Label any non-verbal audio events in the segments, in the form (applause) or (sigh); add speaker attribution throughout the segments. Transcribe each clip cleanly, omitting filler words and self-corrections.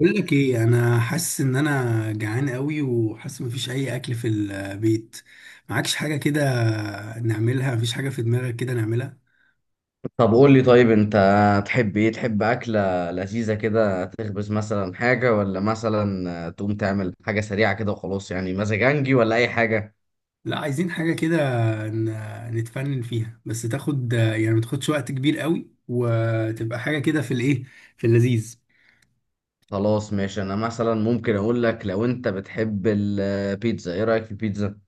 Speaker 1: بقول لك ايه، انا حاسس ان انا جعان قوي وحاسس مفيش اي اكل في البيت. معكش حاجه كده؟ نعملها، مفيش حاجه في دماغك كده نعملها؟
Speaker 2: طب قول لي، طيب انت تحب ايه؟ تحب اكله لذيذه كده تخبز مثلا حاجه، ولا مثلا تقوم تعمل حاجه سريعه كده وخلاص، يعني مزاجنجي ولا اي حاجه؟
Speaker 1: لا، عايزين حاجه كده، نتفنن فيها، بس تاخد يعني ما تاخدش وقت كبير قوي، وتبقى حاجه كده في الايه، في اللذيذ.
Speaker 2: خلاص ماشي، انا مثلا ممكن اقول لك لو انت بتحب البيتزا، ايه رايك في البيتزا؟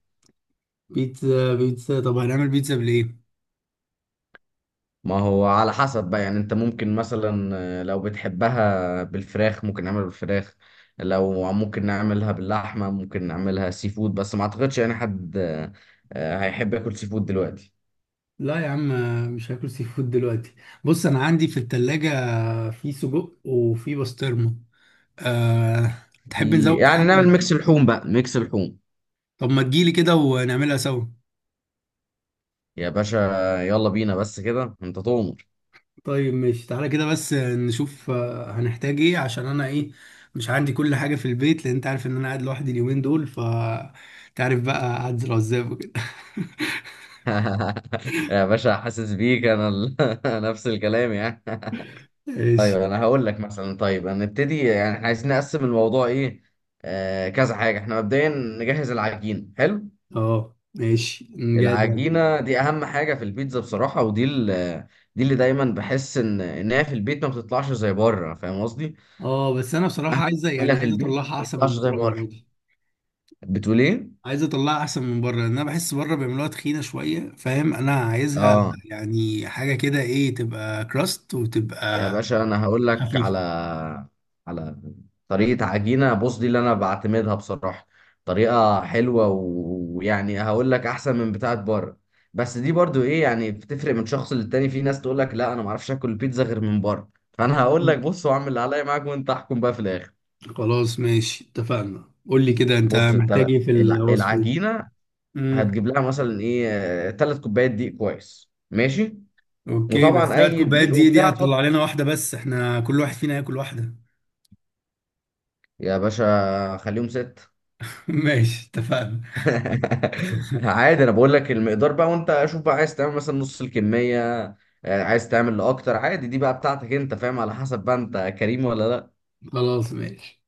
Speaker 1: بيتزا، بيتزا، طب هنعمل بيتزا بالايه؟
Speaker 2: ما هو على حسب بقى، يعني انت ممكن مثلا لو بتحبها بالفراخ ممكن نعملها بالفراخ، لو ممكن نعملها باللحمه، ممكن نعملها سي فود، بس ما اعتقدش يعني حد هيحب ياكل سي فود دلوقتي.
Speaker 1: لا يا عم، مش هاكل سي فود دلوقتي. بص، انا عندي في التلاجة في سجق وفي بسطرمه. أه تحب
Speaker 2: في
Speaker 1: نزود
Speaker 2: يعني نعمل
Speaker 1: حاجه؟
Speaker 2: ميكس لحوم بقى، ميكس لحوم.
Speaker 1: طب ما تجيلي كده ونعملها سوا.
Speaker 2: يا باشا، يلا بينا، بس كده انت تؤمر.
Speaker 1: طيب ماشي، تعالى كده بس نشوف، هنحتاج ايه؟ عشان انا ايه، مش عندي كل حاجة في البيت، لان انت عارف ان انا قاعد لوحدي اليومين دول. ف تعرف بقى، اعزل عزاب وكده.
Speaker 2: (laughs) يا باشا، حاسس بيك انا (laughs) نفس الكلام يعني.
Speaker 1: (laughs)
Speaker 2: (laughs) طيب
Speaker 1: ماشي.
Speaker 2: انا هقول لك مثلا، طيب هنبتدي، يعني إحنا عايزين نقسم الموضوع ايه، آه كذا حاجه. احنا مبدئيا نجهز العجين، حلو.
Speaker 1: اه ماشي، نجاد يعني.
Speaker 2: العجينه دي اهم حاجه في البيتزا بصراحه، ودي (laughs) دي اللي دايما بحس ان هي في البيت ما بتطلعش زي بره، فاهم قصدي؟
Speaker 1: اه، بس انا بصراحة عايزة يعني
Speaker 2: تعملها في
Speaker 1: عايز
Speaker 2: البيت
Speaker 1: اطلعها
Speaker 2: ما
Speaker 1: احسن
Speaker 2: بتطلعش
Speaker 1: من
Speaker 2: زي
Speaker 1: بره
Speaker 2: بره.
Speaker 1: المرة دي.
Speaker 2: بتقول ايه؟
Speaker 1: عايز اطلعها احسن من بره، لان انا بحس بره بيعملوها تخينة شوية، فاهم؟ انا عايزها
Speaker 2: اه
Speaker 1: يعني حاجة كده ايه، تبقى كراست
Speaker 2: يا
Speaker 1: وتبقى
Speaker 2: باشا، انا هقول لك على
Speaker 1: خفيفة.
Speaker 2: على طريقه عجينه، بص دي اللي انا بعتمدها بصراحه. طريقه حلوه ويعني هقول لك احسن من بتاعه بره، بس دي برضو ايه، يعني بتفرق من شخص للتاني. في ناس تقول لك لا انا ما اعرفش اكل البيتزا غير من بره، فانا هقول لك بص، واعمل اللي عليا معاك، وانت احكم بقى في الاخر.
Speaker 1: خلاص ماشي، اتفقنا. قول لي كده، انت
Speaker 2: بص انت،
Speaker 1: محتاج ايه في الوصفة دي؟
Speaker 2: العجينه
Speaker 1: امم
Speaker 2: هتجيب لها مثلا ايه، ثلاث كوبايات دقيق، كويس ماشي.
Speaker 1: اوكي، بس
Speaker 2: وطبعا
Speaker 1: ثلاث
Speaker 2: اي
Speaker 1: كوبايات
Speaker 2: دقيق
Speaker 1: دي
Speaker 2: وبتاع
Speaker 1: هتطلع
Speaker 2: تحط.
Speaker 1: لنا واحدة بس، احنا كل واحد فينا هياكل واحدة.
Speaker 2: يا باشا خليهم ست.
Speaker 1: (laughs) ماشي، اتفقنا.
Speaker 2: (laughs) عادي، انا بقول لك المقدار بقى، وانت شوف بقى عايز تعمل مثلا نص الكميه، عايز تعمل لاكتر، عادي دي بقى بتاعتك انت، فاهم؟ على حسب بقى انت كريم ولا لا.
Speaker 1: خلاص ماشي.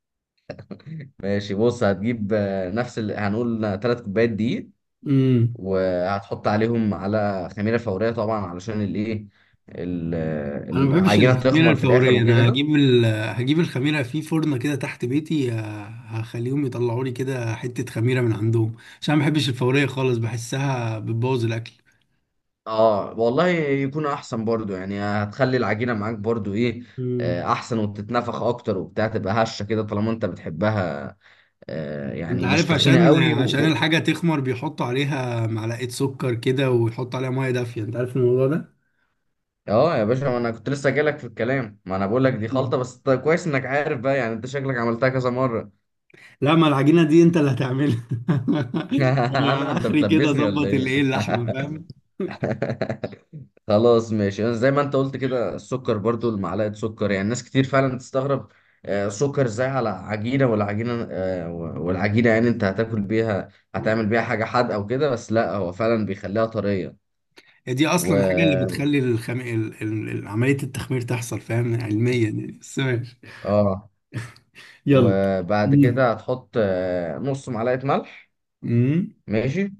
Speaker 2: ماشي، بص هتجيب نفس اللي هنقول، ثلاث كوبايات دقيق،
Speaker 1: امم
Speaker 2: وهتحط عليهم على خميره فوريه طبعا، علشان الايه،
Speaker 1: انا ما بحبش
Speaker 2: العجينه
Speaker 1: الخميرة
Speaker 2: تخمر في الاخر
Speaker 1: الفورية، انا
Speaker 2: وكده.
Speaker 1: هجيب هجيب الخميرة في فرن كده تحت بيتي، هخليهم يطلعوا لي كده حتة خميرة من عندهم، عشان ما بحبش الفورية خالص، بحسها بتبوظ الاكل.
Speaker 2: اه والله يكون احسن برضو، يعني هتخلي العجينه معاك برضو ايه، احسن، وتتنفخ اكتر وبتاع، تبقى هشه كده طالما انت بتحبها،
Speaker 1: انت
Speaker 2: يعني مش
Speaker 1: عارف،
Speaker 2: تخينة
Speaker 1: عشان
Speaker 2: قوي
Speaker 1: عشان الحاجة تخمر بيحطوا عليها معلقة سكر كده، ويحطوا عليها مية دافية، انت عارف الموضوع ده؟
Speaker 2: اه يا باشا، ما انا كنت لسه جايلك في الكلام. ما انا بقول لك دي
Speaker 1: أيوة.
Speaker 2: خلطة، بس طيب كويس انك عارف بقى، يعني انت شكلك عملتها كذا مرة.
Speaker 1: لا، ما العجينة دي انت اللي هتعملها. (laughs)
Speaker 2: (laughs) انا
Speaker 1: انا
Speaker 2: انت
Speaker 1: اخري كده
Speaker 2: بتلبسني ولا
Speaker 1: اظبط
Speaker 2: ايه؟
Speaker 1: الايه، اللحمة، فاهم؟
Speaker 2: (laughs) خلاص ماشي، زي ما انت قلت كده، السكر برضو المعلقة سكر، يعني ناس كتير فعلا تستغرب، سكر ازاي على عجينة، والعجينة والعجينة يعني انت هتاكل بيها، هتعمل بيها حاجة حادقة وكده، بس لا هو فعلا بيخليها طرية.
Speaker 1: هي دي اصلا الحاجة اللي
Speaker 2: و
Speaker 1: بتخلي الخم... ال... ال... ال- عملية التخمير تحصل، فاهم؟ علميا يعني، بس ماشي.
Speaker 2: اه
Speaker 1: يلا.
Speaker 2: وبعد
Speaker 1: امم.
Speaker 2: كده هتحط نص معلقة ملح،
Speaker 1: امم.
Speaker 2: ماشي.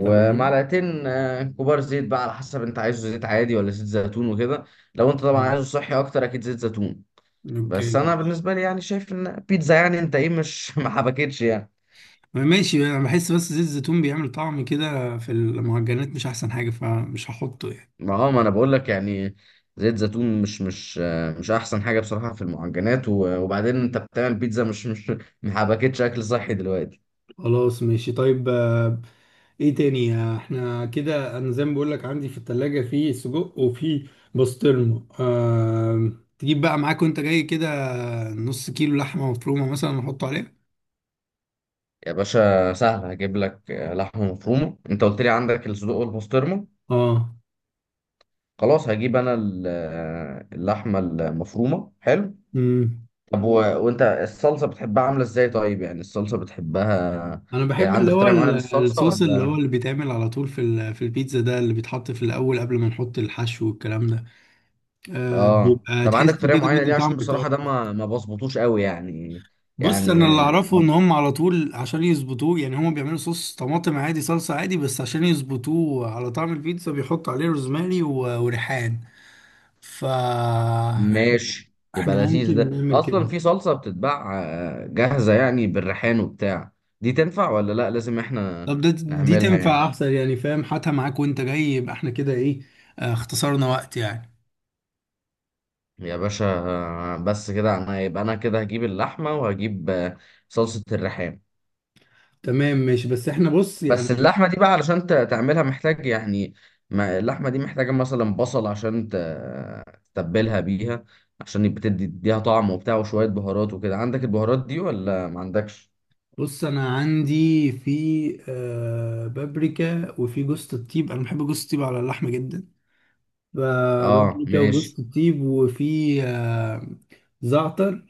Speaker 1: تمام.
Speaker 2: كبار زيت، بقى على حسب انت عايزه زيت عادي ولا زيت زيتون وكده. لو انت طبعا
Speaker 1: تمام.
Speaker 2: عايزه صحي اكتر، اكيد زيت زيتون.
Speaker 1: اوكي،
Speaker 2: بس انا
Speaker 1: ماشي.
Speaker 2: بالنسبة لي يعني شايف ان بيتزا، يعني انت ايه، مش (laughs) ما حبكتش يعني.
Speaker 1: ماشي، انا بحس بس زيت الزيتون بيعمل طعم كده في المعجنات، مش احسن حاجة، فمش هحطه يعني.
Speaker 2: ما هو ما انا بقول لك يعني، زيت زيتون مش احسن حاجة بصراحة في المعجنات، وبعدين انت بتعمل بيتزا، مش مش (laughs) ما حبكتش اكل صحي دلوقتي.
Speaker 1: خلاص ماشي، طيب. ايه تاني؟ احنا كده، انا زي ما بقول لك، عندي في التلاجة في سجق وفي بسطرمة. تجيب بقى معاك وانت جاي كده نص كيلو لحمة مفرومة مثلا نحطه عليها.
Speaker 2: يا باشا سهل، هجيب لك لحمة مفرومة. انت قلت لي عندك الصدوق والبسطرمة،
Speaker 1: اه.
Speaker 2: خلاص هجيب انا اللحمة المفرومة، حلو.
Speaker 1: امم
Speaker 2: طب وانت الصلصة بتحبها عاملة ازاي طيب، يعني الصلصة بتحبها؟
Speaker 1: انا
Speaker 2: يعني
Speaker 1: بحب اللي
Speaker 2: عندك
Speaker 1: هو
Speaker 2: طريقة معينة للصلصة
Speaker 1: الصوص، اللي هو
Speaker 2: ولا؟
Speaker 1: اللي بيتعمل على طول في في البيتزا ده، اللي بيتحط في الاول قبل ما نحط الحشو والكلام ده.
Speaker 2: اه
Speaker 1: بيبقى
Speaker 2: طب
Speaker 1: تحس
Speaker 2: عندك طريقة
Speaker 1: كده
Speaker 2: معينة
Speaker 1: بدي
Speaker 2: ليه؟
Speaker 1: طعم.
Speaker 2: عشان بصراحة ده ما بظبطوش قوي يعني.
Speaker 1: بص،
Speaker 2: يعني
Speaker 1: انا اللي اعرفه ان هم على طول عشان يظبطوه يعني، هم بيعملوا صوص طماطم عادي، صلصة عادي، بس عشان يظبطوه على طعم البيتزا بيحطوا عليه روزماري وريحان. ف احنا،
Speaker 2: ماشي، يبقى
Speaker 1: إحنا
Speaker 2: لذيذ.
Speaker 1: ممكن
Speaker 2: ده
Speaker 1: نعمل
Speaker 2: اصلا
Speaker 1: كده.
Speaker 2: في صلصه بتتباع جاهزه، يعني بالريحان وبتاع. دي تنفع ولا لا لازم احنا
Speaker 1: طب ده، دي
Speaker 2: نعملها
Speaker 1: تنفع
Speaker 2: يعني؟
Speaker 1: احسن يعني، فاهم؟ هاتها معاك وانت جاي، يبقى احنا كده ايه، اختصرنا وقت يعني.
Speaker 2: يا باشا بس كده انا، يبقى انا كده هجيب اللحمه، وهجيب صلصه الريحان.
Speaker 1: تمام ماشي، بس احنا بص
Speaker 2: بس
Speaker 1: يعني،
Speaker 2: اللحمه دي بقى علشان تعملها محتاج يعني، ما اللحمه دي محتاجه مثلا بصل عشان تتبلها بيها، عشان يبقى تدي تديها طعم وبتاع، وشويه بهارات وكده. عندك البهارات دي ولا ما عندكش؟
Speaker 1: بص انا عندي في بابريكا، وفي جوز الطيب، انا بحب جوز الطيب على اللحمة جدا. ب-
Speaker 2: اه
Speaker 1: بابريكا
Speaker 2: ماشي.
Speaker 1: وجوز الطيب، وفي زعتر،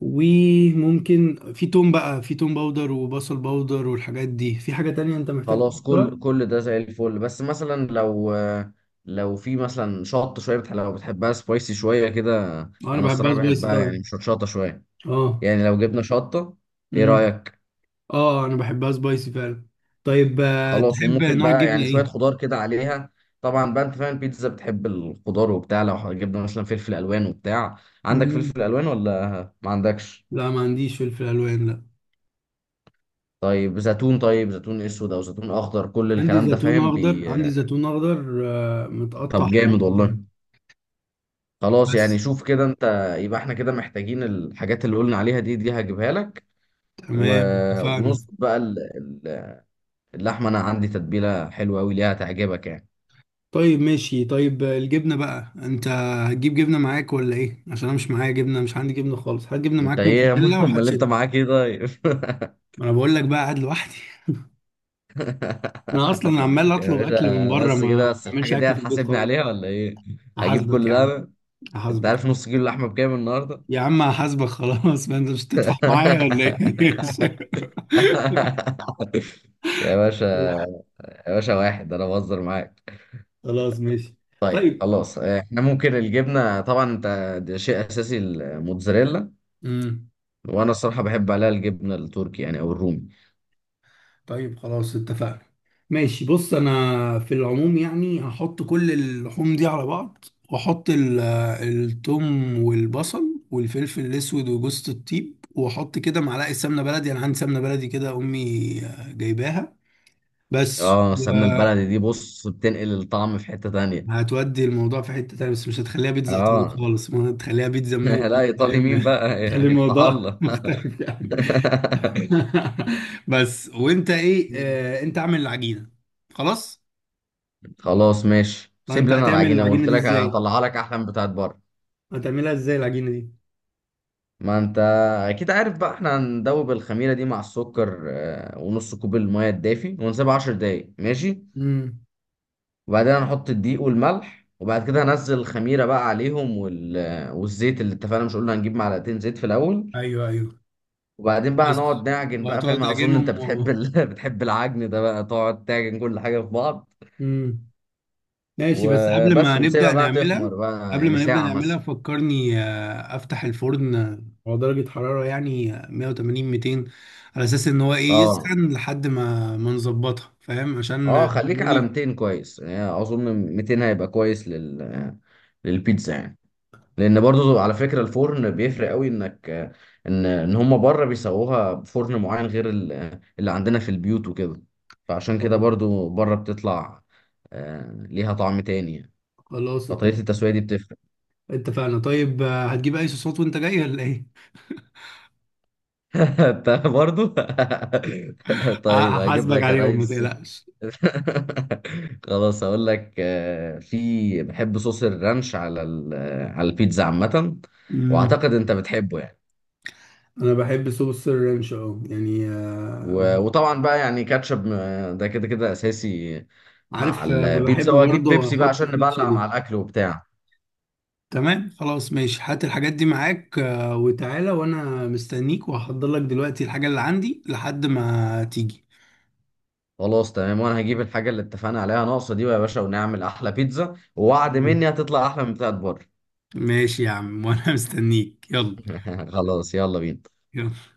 Speaker 1: وممكن في توم بقى، في توم باودر وبصل باودر والحاجات دي، في حاجة تانية انت محتاج
Speaker 2: خلاص
Speaker 1: تحطها؟
Speaker 2: كل ده زي الفل، بس مثلا لو في مثلا شطه شويه، بتح... لو بتحبها سبايسي شويه كده.
Speaker 1: اه انا
Speaker 2: انا
Speaker 1: بحبها
Speaker 2: الصراحه
Speaker 1: سبايسي
Speaker 2: بحبها يعني
Speaker 1: طبعا.
Speaker 2: مش شطه شويه،
Speaker 1: اه.
Speaker 2: يعني لو جبنا شطه ايه
Speaker 1: امم.
Speaker 2: رايك؟
Speaker 1: اه انا بحبها سبايسي فعلا. طيب،
Speaker 2: خلاص.
Speaker 1: تحب
Speaker 2: وممكن
Speaker 1: نوع
Speaker 2: بقى
Speaker 1: الجبنة
Speaker 2: يعني شويه
Speaker 1: ايه؟
Speaker 2: خضار كده عليها، طبعا بقى انت فاهم البيتزا بتحب الخضار وبتاع. لو جبنا مثلا فلفل الوان وبتاع، عندك
Speaker 1: مم.
Speaker 2: فلفل الوان ولا ما عندكش؟
Speaker 1: لا، ما عنديش فلفل الوان، لا.
Speaker 2: طيب زيتون، طيب زيتون اسود او زيتون اخضر، كل
Speaker 1: عندي
Speaker 2: الكلام ده،
Speaker 1: زيتون
Speaker 2: فاهم
Speaker 1: اخضر، عندي زيتون اخضر متقطع
Speaker 2: طب جامد والله.
Speaker 1: حلقتين.
Speaker 2: خلاص يعني
Speaker 1: بس.
Speaker 2: شوف كده انت، يبقى احنا كده محتاجين الحاجات اللي قلنا عليها دي، دي هجيبها لك. و...
Speaker 1: تمام، اتفقنا.
Speaker 2: ونظبط بقى ال- اللحمه، انا عندي تتبيله حلوه قوي ليها، تعجبك يعني.
Speaker 1: طيب ماشي، طيب الجبنة بقى، انت هتجيب جبنة معاك ولا ايه؟ عشان انا مش معايا جبنة، مش عندي جبنة خالص، هات جبنة
Speaker 2: انت
Speaker 1: معاك
Speaker 2: ايه يا عم؟
Speaker 1: موتزاريلا
Speaker 2: (laughs)
Speaker 1: وهات
Speaker 2: امال انت
Speaker 1: شيدر.
Speaker 2: معاك ايه طيب؟ (laughs)
Speaker 1: ما انا بقول لك، بقى قاعد لوحدي. (laughs) انا اصلا عمال
Speaker 2: يا
Speaker 1: اطلب اكل من
Speaker 2: باشا
Speaker 1: بره،
Speaker 2: بس كده،
Speaker 1: ما
Speaker 2: بس
Speaker 1: بعملش
Speaker 2: الحاجه دي
Speaker 1: اكل في البيت
Speaker 2: هتحاسبني
Speaker 1: خالص.
Speaker 2: عليها ولا ايه؟ هجيب
Speaker 1: هحاسبك
Speaker 2: كل
Speaker 1: يا
Speaker 2: ده
Speaker 1: عم.
Speaker 2: انا؟ انت
Speaker 1: هحاسبك.
Speaker 2: عارف نص كيلو لحمه بكام النهارده؟
Speaker 1: يا عم هحاسبك خلاص. (laughs) ما انت مش هتدفع معايا ولا ايه؟
Speaker 2: (laughs) يا باشا،
Speaker 1: (laughs)
Speaker 2: يا باشا واحد، انا بهزر معاك.
Speaker 1: خلاص ماشي.
Speaker 2: طيب
Speaker 1: طيب.
Speaker 2: خلاص، احنا ممكن الجبنه طبعا انت، ده شيء اساسي الموتزاريلا.
Speaker 1: امم
Speaker 2: وانا الصراحه بحب عليها الجبنه التركي، يعني او الرومي.
Speaker 1: طيب خلاص اتفقنا. ماشي بص، انا في العموم يعني هحط كل اللحوم دي على بعض، واحط التوم والبصل والفلفل الاسود وجوزة الطيب، واحط كده معلقه سمنه بلدي، انا عندي سمنه بلدي كده امي جايباها. بس.
Speaker 2: اه السمنه البلدي دي بص، بتنقل الطعم في حته تانية.
Speaker 1: هتودي الموضوع في حتة تانية، بس مش هتخليها بيتزا ايطالي
Speaker 2: اه
Speaker 1: خالص، ما هتخليها بيتزا
Speaker 2: (laughs) لا
Speaker 1: منوفي،
Speaker 2: ايطالي
Speaker 1: فاهم؟
Speaker 2: مين
Speaker 1: (laughs)
Speaker 2: بقى،
Speaker 1: تخلي
Speaker 2: يفتح
Speaker 1: الموضوع (laughs)
Speaker 2: الله. (laughs)
Speaker 1: مختلف يعني. (laughs) بس. وانت ايه، انت اعمل العجينة. خلاص.
Speaker 2: خلاص ماشي،
Speaker 1: طب
Speaker 2: سيب
Speaker 1: انت
Speaker 2: لي انا
Speaker 1: هتعمل
Speaker 2: العجينه،
Speaker 1: العجينه
Speaker 2: قلت
Speaker 1: دي
Speaker 2: لك
Speaker 1: ازاي؟
Speaker 2: هطلعها لك احلى من بتاعت بره.
Speaker 1: هتعملها ازاي العجينه دي؟
Speaker 2: ما انت اكيد عارف بقى، احنا هندوب الخميره دي مع السكر ونص كوب الميه الدافي، ونسيبها 10 دقايق ماشي.
Speaker 1: امم
Speaker 2: وبعدين هنحط الدقيق والملح، وبعد كده هنزل الخميرة بقى عليهم، والزيت اللي اتفقنا، مش قلنا هنجيب معلقتين زيت في الأول.
Speaker 1: ايوه، ايوه.
Speaker 2: وبعدين بقى
Speaker 1: بس،
Speaker 2: هنقعد نعجن بقى،
Speaker 1: وهتقعد
Speaker 2: فاهم؟ أظن
Speaker 1: تعجنهم
Speaker 2: أنت بتحب
Speaker 1: و...
Speaker 2: (laughs) بتحب العجن ده بقى، تقعد تعجن كل حاجة في بعض
Speaker 1: امم ماشي. بس قبل
Speaker 2: وبس،
Speaker 1: ما
Speaker 2: ونسيبها
Speaker 1: نبدا
Speaker 2: بقى
Speaker 1: نعملها،
Speaker 2: تخمر بقى
Speaker 1: قبل
Speaker 2: يعني
Speaker 1: ما نبدا
Speaker 2: ساعة
Speaker 1: نعملها
Speaker 2: مثلا.
Speaker 1: فكرني افتح الفرن على درجه حراره يعني 180، 200، على اساس ان هو ايه
Speaker 2: اه
Speaker 1: يسخن لحد ما نظبطها، فاهم؟ عشان
Speaker 2: اه خليك
Speaker 1: قالوا
Speaker 2: على
Speaker 1: لي.
Speaker 2: 200 كويس، يعني أظن 200 هيبقى كويس للبيتزا يعني. لان برضو على فكره الفرن بيفرق قوي، انك ان هم بره بيسووها بفرن معين غير اللي عندنا في البيوت وكده، فعشان كده
Speaker 1: خلاص.
Speaker 2: برضو بره بتطلع ليها طعم تاني يعني.
Speaker 1: خلاص
Speaker 2: فطريقه التسويه دي بتفرق.
Speaker 1: اتفقنا. طيب، هتجيب اي صوصات وانت جاي ولا ايه؟
Speaker 2: (laughs) انت برضو. (laughs)
Speaker 1: (laughs)
Speaker 2: طيب هجيب
Speaker 1: هحاسبك
Speaker 2: لك يا
Speaker 1: عليهم، ما
Speaker 2: ريس.
Speaker 1: تقلقش.
Speaker 2: (laughs) خلاص هقول لك في بحب صوص الرانش على على البيتزا عامه، واعتقد انت بتحبه يعني.
Speaker 1: انا بحب صوص الرانش، اه يعني.
Speaker 2: وطبعا بقى يعني كاتشب، ده كده كده اساسي مع
Speaker 1: عارف، بحب
Speaker 2: البيتزا. واجيب
Speaker 1: برضه
Speaker 2: بيبسي بقى
Speaker 1: احط
Speaker 2: عشان
Speaker 1: سويت
Speaker 2: نبلع
Speaker 1: شيلي.
Speaker 2: مع الاكل وبتاع.
Speaker 1: تمام خلاص ماشي، هات الحاجات دي معاك وتعالى، وانا مستنيك، وهحضر لك دلوقتي الحاجة اللي عندي لحد ما تيجي.
Speaker 2: خلاص تمام، وانا هجيب الحاجه اللي اتفقنا عليها ناقصه دي يا باشا، ونعمل احلى بيتزا، ووعد
Speaker 1: مم.
Speaker 2: مني هتطلع احلى من بتاعت بره.
Speaker 1: ماشي يا عم، وانا مستنيك. يلا.
Speaker 2: (laughs) خلاص يلا بينا.
Speaker 1: يلا.